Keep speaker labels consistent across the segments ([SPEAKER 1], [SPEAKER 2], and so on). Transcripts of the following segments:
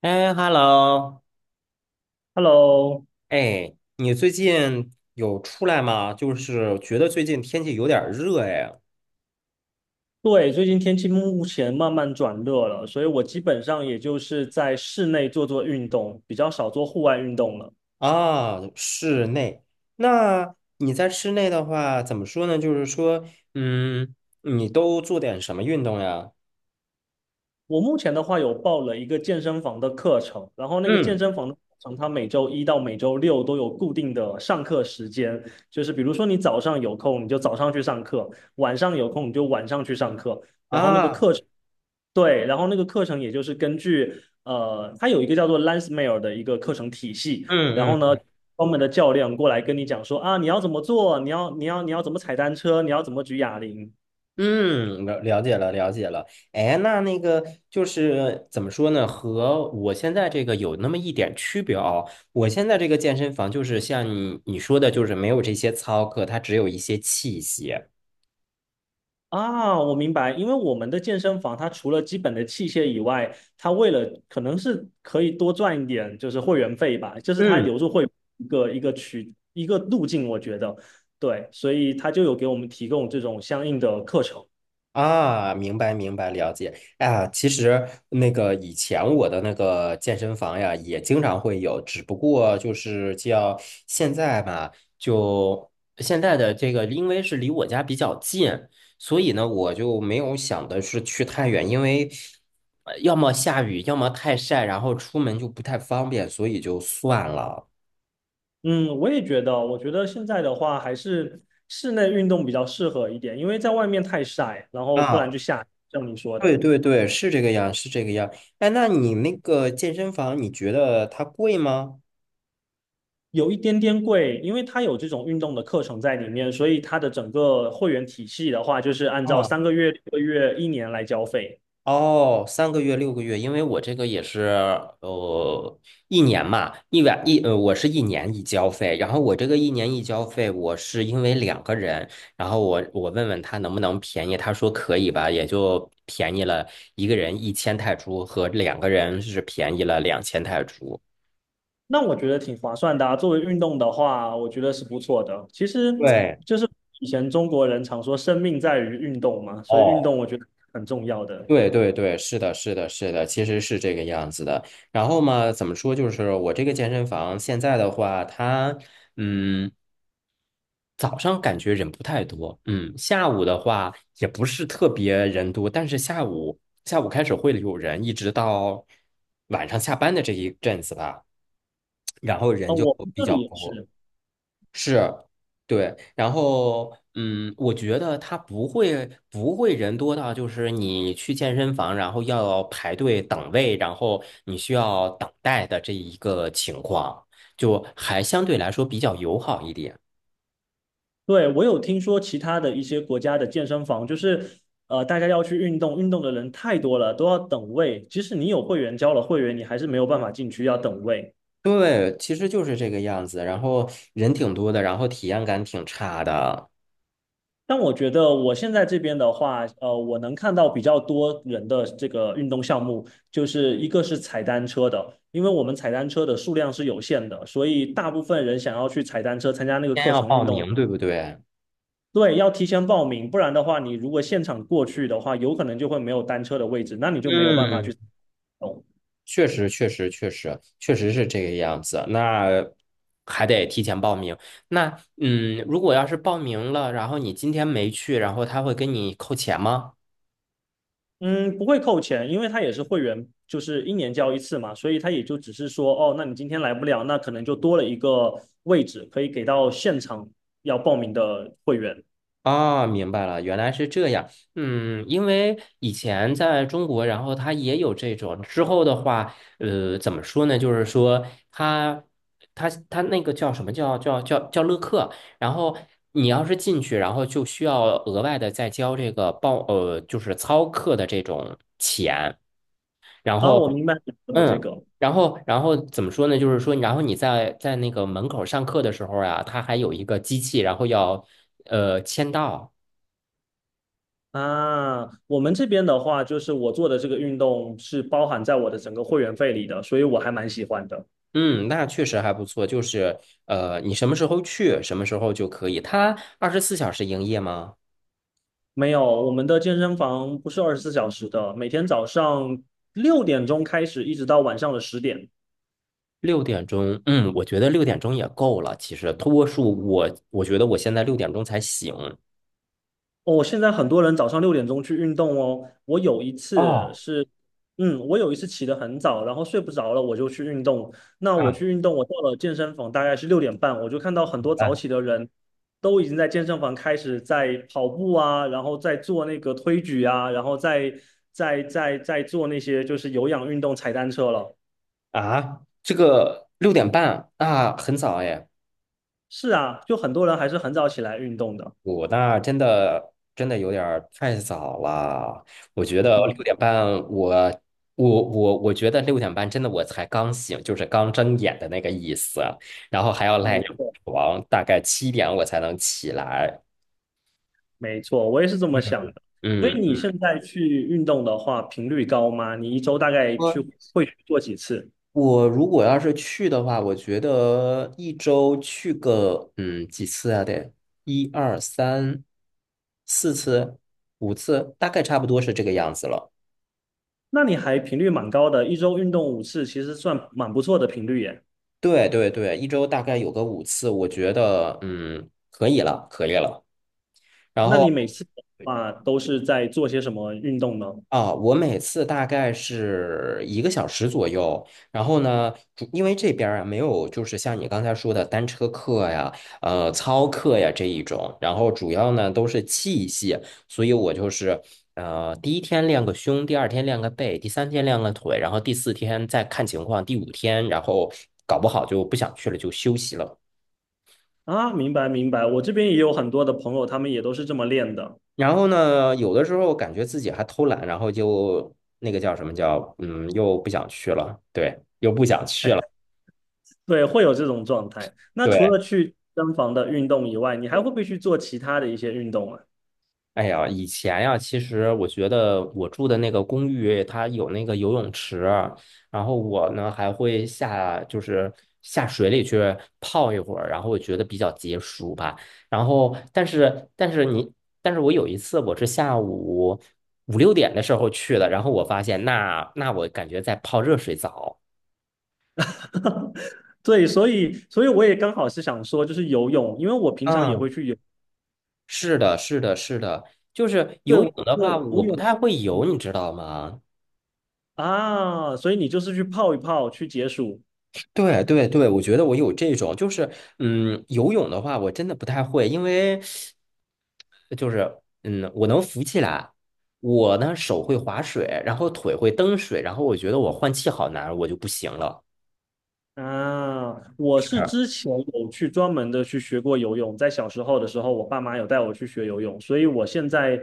[SPEAKER 1] 哎，hello，
[SPEAKER 2] Hello，
[SPEAKER 1] 哎，你最近有出来吗？就是觉得最近天气有点儿热哎。
[SPEAKER 2] 对，最近天气目前慢慢转热了，所以我基本上也就是在室内做做运动，比较少做户外运动了。
[SPEAKER 1] 啊，室内。那你在室内的话，怎么说呢？就是说，嗯，你都做点什么运动呀？
[SPEAKER 2] 我目前的话有报了一个健身房的课程，然后那个健
[SPEAKER 1] 嗯，
[SPEAKER 2] 身房的课程它每周一到每周六都有固定的上课时间，就是比如说你早上有空你就早上去上课，晚上有空你就晚上去上课，然后那个
[SPEAKER 1] 啊，
[SPEAKER 2] 课程。对，然后那个课程也就是根据它有一个叫做 Lansmeyer 的一个课程体系，然
[SPEAKER 1] 嗯
[SPEAKER 2] 后
[SPEAKER 1] 嗯
[SPEAKER 2] 呢，专门的教练过来跟你讲说啊，你要怎么做，你要怎么踩单车，你要怎么举哑铃
[SPEAKER 1] 嗯，了解了，了解了。哎，那那个就是怎么说呢？和我现在这个有那么一点区别哦。我现在这个健身房就是像你说的，就是没有这些操课，它只有一些器械。
[SPEAKER 2] 啊，我明白，因为我们的健身房它除了基本的器械以外，它为了可能是可以多赚一点就是会员费吧，就是它
[SPEAKER 1] 嗯，
[SPEAKER 2] 留住会员一个路径，我觉得对，所以它就有给我们提供这种相应的课程。
[SPEAKER 1] 啊，明白明白，了解。啊，其实那个以前我的那个健身房呀，也经常会有，只不过就是叫现在吧，就现在的这个，因为是离我家比较近，所以呢，我就没有想的是去太远，因为要么下雨，要么太晒，然后出门就不太方便，所以就算了。
[SPEAKER 2] 嗯，我也觉得，我觉得现在的话还是室内运动比较适合一点，因为在外面太晒，然后不然
[SPEAKER 1] 啊，
[SPEAKER 2] 就下雨像你说
[SPEAKER 1] 对
[SPEAKER 2] 的，
[SPEAKER 1] 对对，是这个样，是这个样。哎，那你那个健身房，你觉得它贵吗？
[SPEAKER 2] 有一点点贵，因为它有这种运动的课程在里面，所以它的整个会员体系的话，就是按照
[SPEAKER 1] 啊。
[SPEAKER 2] 3个月、6个月、一年来交费，
[SPEAKER 1] 哦，3个月、6个月，因为我这个也是呃一年嘛，一晚一呃，我是一年一交费，然后我这个一年一交费，我是因为两个人，然后我问问他能不能便宜，他说可以吧，也就便宜了一个人1000泰铢和两个人是便宜了2000泰铢。
[SPEAKER 2] 那我觉得挺划算的啊。作为运动的话，我觉得是不错的。其实
[SPEAKER 1] 对，
[SPEAKER 2] 就是以前中国人常说“生命在于运动”嘛，所以运动
[SPEAKER 1] 哦，
[SPEAKER 2] 我觉得很重要的。
[SPEAKER 1] 对对对，是的，是的，是的，其实是这个样子的。然后嘛，怎么说？就是我这个健身房现在的话，它。嗯，早上感觉人不太多，嗯，下午的话也不是特别人多，但是下午开始会有人，一直到晚上下班的这一阵子吧，然后
[SPEAKER 2] 哦，
[SPEAKER 1] 人就
[SPEAKER 2] 我们这
[SPEAKER 1] 比较
[SPEAKER 2] 里也
[SPEAKER 1] 多，
[SPEAKER 2] 是。
[SPEAKER 1] 是，对，然后我觉得他不会人多到就是你去健身房，然后要排队等位，然后你需要等待的这一个情况，就还相对来说比较友好一点。
[SPEAKER 2] 对，我有听说其他的一些国家的健身房，就是大家要去运动，运动的人太多了，都要等位。即使你有会员交了会员，你还是没有办法进去，要等位。
[SPEAKER 1] 对，其实就是这个样子。然后人挺多的，然后体验感挺差的。
[SPEAKER 2] 但我觉得我现在这边的话，我能看到比较多人的这个运动项目，就是一个是踩单车的，因为我们踩单车的数量是有限的，所以大部分人想要去踩单车参加那个
[SPEAKER 1] 先
[SPEAKER 2] 课
[SPEAKER 1] 要
[SPEAKER 2] 程
[SPEAKER 1] 报
[SPEAKER 2] 运动，
[SPEAKER 1] 名，对不对？
[SPEAKER 2] 对，要提前报名，不然的话，你如果现场过去的话，有可能就会没有单车的位置，那你就没有办法
[SPEAKER 1] 嗯，
[SPEAKER 2] 去哦，
[SPEAKER 1] 确实，确实，确实，确实是这个样子。那还得提前报名。那如果要是报名了，然后你今天没去，然后他会跟你扣钱吗？
[SPEAKER 2] 嗯，不会扣钱，因为他也是会员，就是一年交一次嘛，所以他也就只是说，哦，那你今天来不了，那可能就多了一个位置可以给到现场要报名的会员。
[SPEAKER 1] 啊，明白了，原来是这样。嗯，因为以前在中国，然后他也有这种。之后的话，呃，怎么说呢？就是说他，他那个叫什么叫乐课。然后你要是进去，然后就需要额外的再交这个报，呃，就是操课的这种钱。然
[SPEAKER 2] 啊，我
[SPEAKER 1] 后，
[SPEAKER 2] 明白你说的这
[SPEAKER 1] 嗯。
[SPEAKER 2] 个
[SPEAKER 1] 然后怎么说呢？就是说，然后你在那个门口上课的时候呀啊，他还有一个机器，然后要签到。
[SPEAKER 2] 啊，我们这边的话，就是我做的这个运动是包含在我的整个会员费里的，所以我还蛮喜欢的。
[SPEAKER 1] 嗯，那确实还不错，就是你什么时候去，什么时候就可以。它24小时营业吗？
[SPEAKER 2] 没有，我们的健身房不是24小时的，每天早上六点钟开始，一直到晚上的10点。
[SPEAKER 1] 六点钟，我觉得六点钟也够了。其实多数我觉得我现在六点钟才醒。
[SPEAKER 2] 哦，现在很多人早上六点钟去运动哦。
[SPEAKER 1] 哦，
[SPEAKER 2] 我有一次起得很早，然后睡不着了，我就去运动。那我
[SPEAKER 1] 啊
[SPEAKER 2] 去运动，我到了健身房大概是6点半，我就看到很多
[SPEAKER 1] 嗯，
[SPEAKER 2] 早起的人都已经在健身房开始在跑步啊，然后在做那个推举啊，然后在做那些就是有氧运动、踩单车了。
[SPEAKER 1] 啊，这个六点半啊，很早哎。
[SPEAKER 2] 是啊，就很多人还是很早起来运动的。
[SPEAKER 1] 我那真的真的有点儿太早了，我觉得六点半我，我觉得六点半真的我才刚醒，就是刚睁眼的那个意思，然后还要赖
[SPEAKER 2] 没
[SPEAKER 1] 着
[SPEAKER 2] 错。
[SPEAKER 1] 床，大概7点我才能起来。
[SPEAKER 2] 没错，我也是这么想的。所以
[SPEAKER 1] 嗯，
[SPEAKER 2] 你现在去运动的话，频率高吗？你一周大概去
[SPEAKER 1] 我
[SPEAKER 2] 会去做几次？
[SPEAKER 1] 我如果要是去的话，我觉得一周去个几次啊？得一二三四次，五次，大概差不多是这个样子了。
[SPEAKER 2] 那你还频率蛮高的，一周运动5次，其实算蛮不错的频率耶。
[SPEAKER 1] 对对对，一周大概有个五次，我觉得可以了，可以了。然
[SPEAKER 2] 那你每
[SPEAKER 1] 后
[SPEAKER 2] 次的话都是在做些什么运动呢？
[SPEAKER 1] 啊，我每次大概是1个小时左右。然后呢，因为这边儿啊没有就是像你刚才说的单车课呀、操课呀这一种，然后主要呢都是器械，所以我就是第一天练个胸，第二天练个背，第三天练个腿，然后第四天再看情况，第五天然后搞不好就不想去了就休息了。
[SPEAKER 2] 啊，明白明白，我这边也有很多的朋友，他们也都是这么练的，
[SPEAKER 1] 然后呢，有的时候感觉自己还偷懒，然后就那个叫什么叫，又不想去了，对，又不想去了，
[SPEAKER 2] 对，会有这种状态。那除
[SPEAKER 1] 对。
[SPEAKER 2] 了去健身房的运动以外，你还会不会去做其他的一些运动啊？
[SPEAKER 1] 哎呀，以前呀，其实我觉得我住的那个公寓，它有那个游泳池，然后我呢还会下，就是下水里去泡一会儿，然后我觉得比较解暑吧。然后，但是我有一次我是下午5、6点的时候去的，然后我发现那我感觉在泡热水澡。
[SPEAKER 2] 哈，对，所以我也刚好是想说，就是游泳，因为我平常也会
[SPEAKER 1] 嗯，
[SPEAKER 2] 去游，
[SPEAKER 1] 是的，是的，是的，就是
[SPEAKER 2] 对，
[SPEAKER 1] 游泳
[SPEAKER 2] 我
[SPEAKER 1] 的
[SPEAKER 2] 对
[SPEAKER 1] 话，
[SPEAKER 2] 游
[SPEAKER 1] 我不
[SPEAKER 2] 泳，
[SPEAKER 1] 太会游，
[SPEAKER 2] 嗯
[SPEAKER 1] 你知道吗？
[SPEAKER 2] 啊，所以你就是去泡一泡，去解暑
[SPEAKER 1] 对对对，我觉得我有这种，就是游泳的话，我真的不太会，因为就是我能浮起来，我呢手会划水，然后腿会蹬水，然后我觉得我换气好难，我就不行了。
[SPEAKER 2] 啊。我
[SPEAKER 1] 是
[SPEAKER 2] 是之前有去专门的去学过游泳，在小时候的时候，我爸妈有带我去学游泳，所以我现在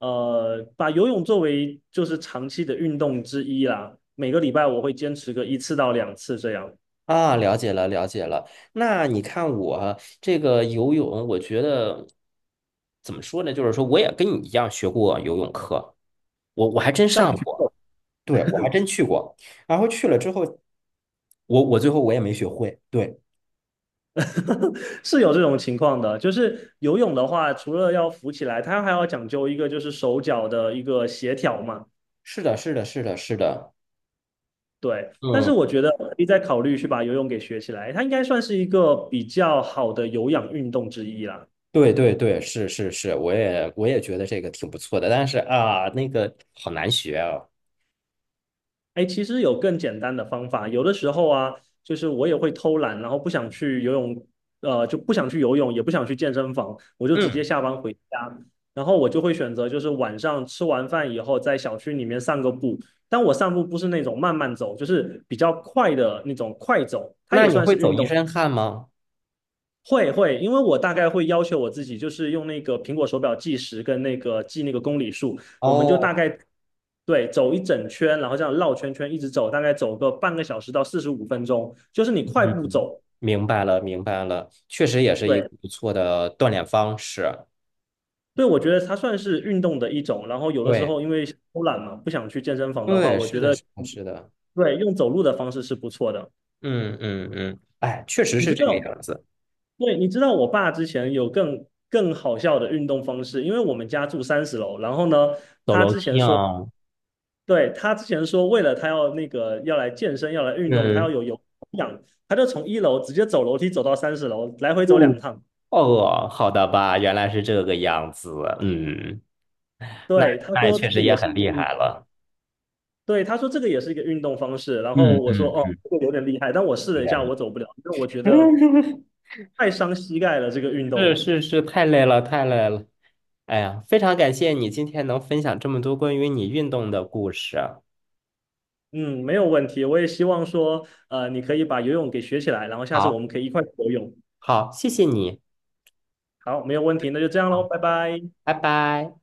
[SPEAKER 2] 把游泳作为就是长期的运动之一啦，每个礼拜我会坚持个1次到2次这样，
[SPEAKER 1] 啊，了解了，了解了。那你看我这个游泳，我觉得怎么说呢？就是说，我也跟你一样学过游泳课。我还真
[SPEAKER 2] 但蛮
[SPEAKER 1] 上
[SPEAKER 2] 久
[SPEAKER 1] 过，对，我还真去过，然后去了之后，我最后我也没学会，对，
[SPEAKER 2] 是有这种情况的，就是游泳的话，除了要浮起来，它还要讲究一个就是手脚的一个协调嘛。
[SPEAKER 1] 是的，是的，是的，是的，
[SPEAKER 2] 对，但是
[SPEAKER 1] 嗯，
[SPEAKER 2] 我觉得可以再考虑去把游泳给学起来，它应该算是一个比较好的有氧运动之一啦。
[SPEAKER 1] 对对对，是是是，我也觉得这个挺不错的，但是啊，那个好难学啊，
[SPEAKER 2] 哎，其实有更简单的方法。有的时候啊，就是我也会偷懒，然后不想去游泳，就不想去游泳，也不想去健身房，我就直接
[SPEAKER 1] 嗯，
[SPEAKER 2] 下班回家。然后我就会选择，就是晚上吃完饭以后，在小区里面散个步。但我散步不是那种慢慢走，就是比较快的那种快走，它
[SPEAKER 1] 那
[SPEAKER 2] 也
[SPEAKER 1] 你
[SPEAKER 2] 算
[SPEAKER 1] 会
[SPEAKER 2] 是
[SPEAKER 1] 走
[SPEAKER 2] 运
[SPEAKER 1] 一
[SPEAKER 2] 动，
[SPEAKER 1] 身汗吗？
[SPEAKER 2] 会会，因为我大概会要求我自己，就是用那个苹果手表计时跟那个记那个公里数，我们就
[SPEAKER 1] 哦，
[SPEAKER 2] 大概对走一整圈，然后这样绕圈圈一直走，大概走个半个小时到45分钟，就是你快
[SPEAKER 1] 嗯，
[SPEAKER 2] 步走。
[SPEAKER 1] 明白了，明白了，确实也是一
[SPEAKER 2] 对
[SPEAKER 1] 个不错的锻炼方式，
[SPEAKER 2] 对，我觉得它算是运动的一种。然后有的时
[SPEAKER 1] 对
[SPEAKER 2] 候因为偷懒嘛，不想去健身房的话，
[SPEAKER 1] 对，
[SPEAKER 2] 我
[SPEAKER 1] 是
[SPEAKER 2] 觉
[SPEAKER 1] 的，
[SPEAKER 2] 得
[SPEAKER 1] 是的，是的，
[SPEAKER 2] 对用走路的方式是不错的。
[SPEAKER 1] 嗯嗯嗯，哎，确实
[SPEAKER 2] 你
[SPEAKER 1] 是
[SPEAKER 2] 知
[SPEAKER 1] 这个
[SPEAKER 2] 道，
[SPEAKER 1] 样子，
[SPEAKER 2] 对，你知道我爸之前有更好笑的运动方式，因为我们家住三十楼，然后呢，
[SPEAKER 1] 走
[SPEAKER 2] 他
[SPEAKER 1] 楼
[SPEAKER 2] 之
[SPEAKER 1] 梯
[SPEAKER 2] 前说。
[SPEAKER 1] 啊，
[SPEAKER 2] 对，他之前说，为了他要那个要来健身，要来运动，他要
[SPEAKER 1] 嗯。
[SPEAKER 2] 有氧，他就从1楼直接走楼梯走到三十楼，来回走
[SPEAKER 1] 不。
[SPEAKER 2] 2趟。
[SPEAKER 1] 哦，好的吧，原来是这个样子。嗯，那
[SPEAKER 2] 对，他
[SPEAKER 1] 那也
[SPEAKER 2] 说这
[SPEAKER 1] 确
[SPEAKER 2] 个
[SPEAKER 1] 实也
[SPEAKER 2] 也是
[SPEAKER 1] 很
[SPEAKER 2] 一个
[SPEAKER 1] 厉
[SPEAKER 2] 运，
[SPEAKER 1] 害了，
[SPEAKER 2] 对，他说这个也是一个运动方式。然后
[SPEAKER 1] 嗯
[SPEAKER 2] 我说
[SPEAKER 1] 嗯，
[SPEAKER 2] 哦，这个有点厉害，但我试
[SPEAKER 1] 有
[SPEAKER 2] 了一
[SPEAKER 1] 点
[SPEAKER 2] 下，
[SPEAKER 1] 厉
[SPEAKER 2] 我走不了，因为我觉
[SPEAKER 1] 害。
[SPEAKER 2] 得 太伤膝盖了这个运
[SPEAKER 1] 是
[SPEAKER 2] 动。
[SPEAKER 1] 是是，太累了，太累了。哎呀，非常感谢你今天能分享这么多关于你运动的故事。
[SPEAKER 2] 嗯，没有问题，我也希望说，你可以把游泳给学起来，然后下次我
[SPEAKER 1] 好，
[SPEAKER 2] 们可以一块去游泳。
[SPEAKER 1] 好，谢谢你。
[SPEAKER 2] 好，没有问题，那就这样喽，
[SPEAKER 1] 好，
[SPEAKER 2] 拜拜。
[SPEAKER 1] 拜拜。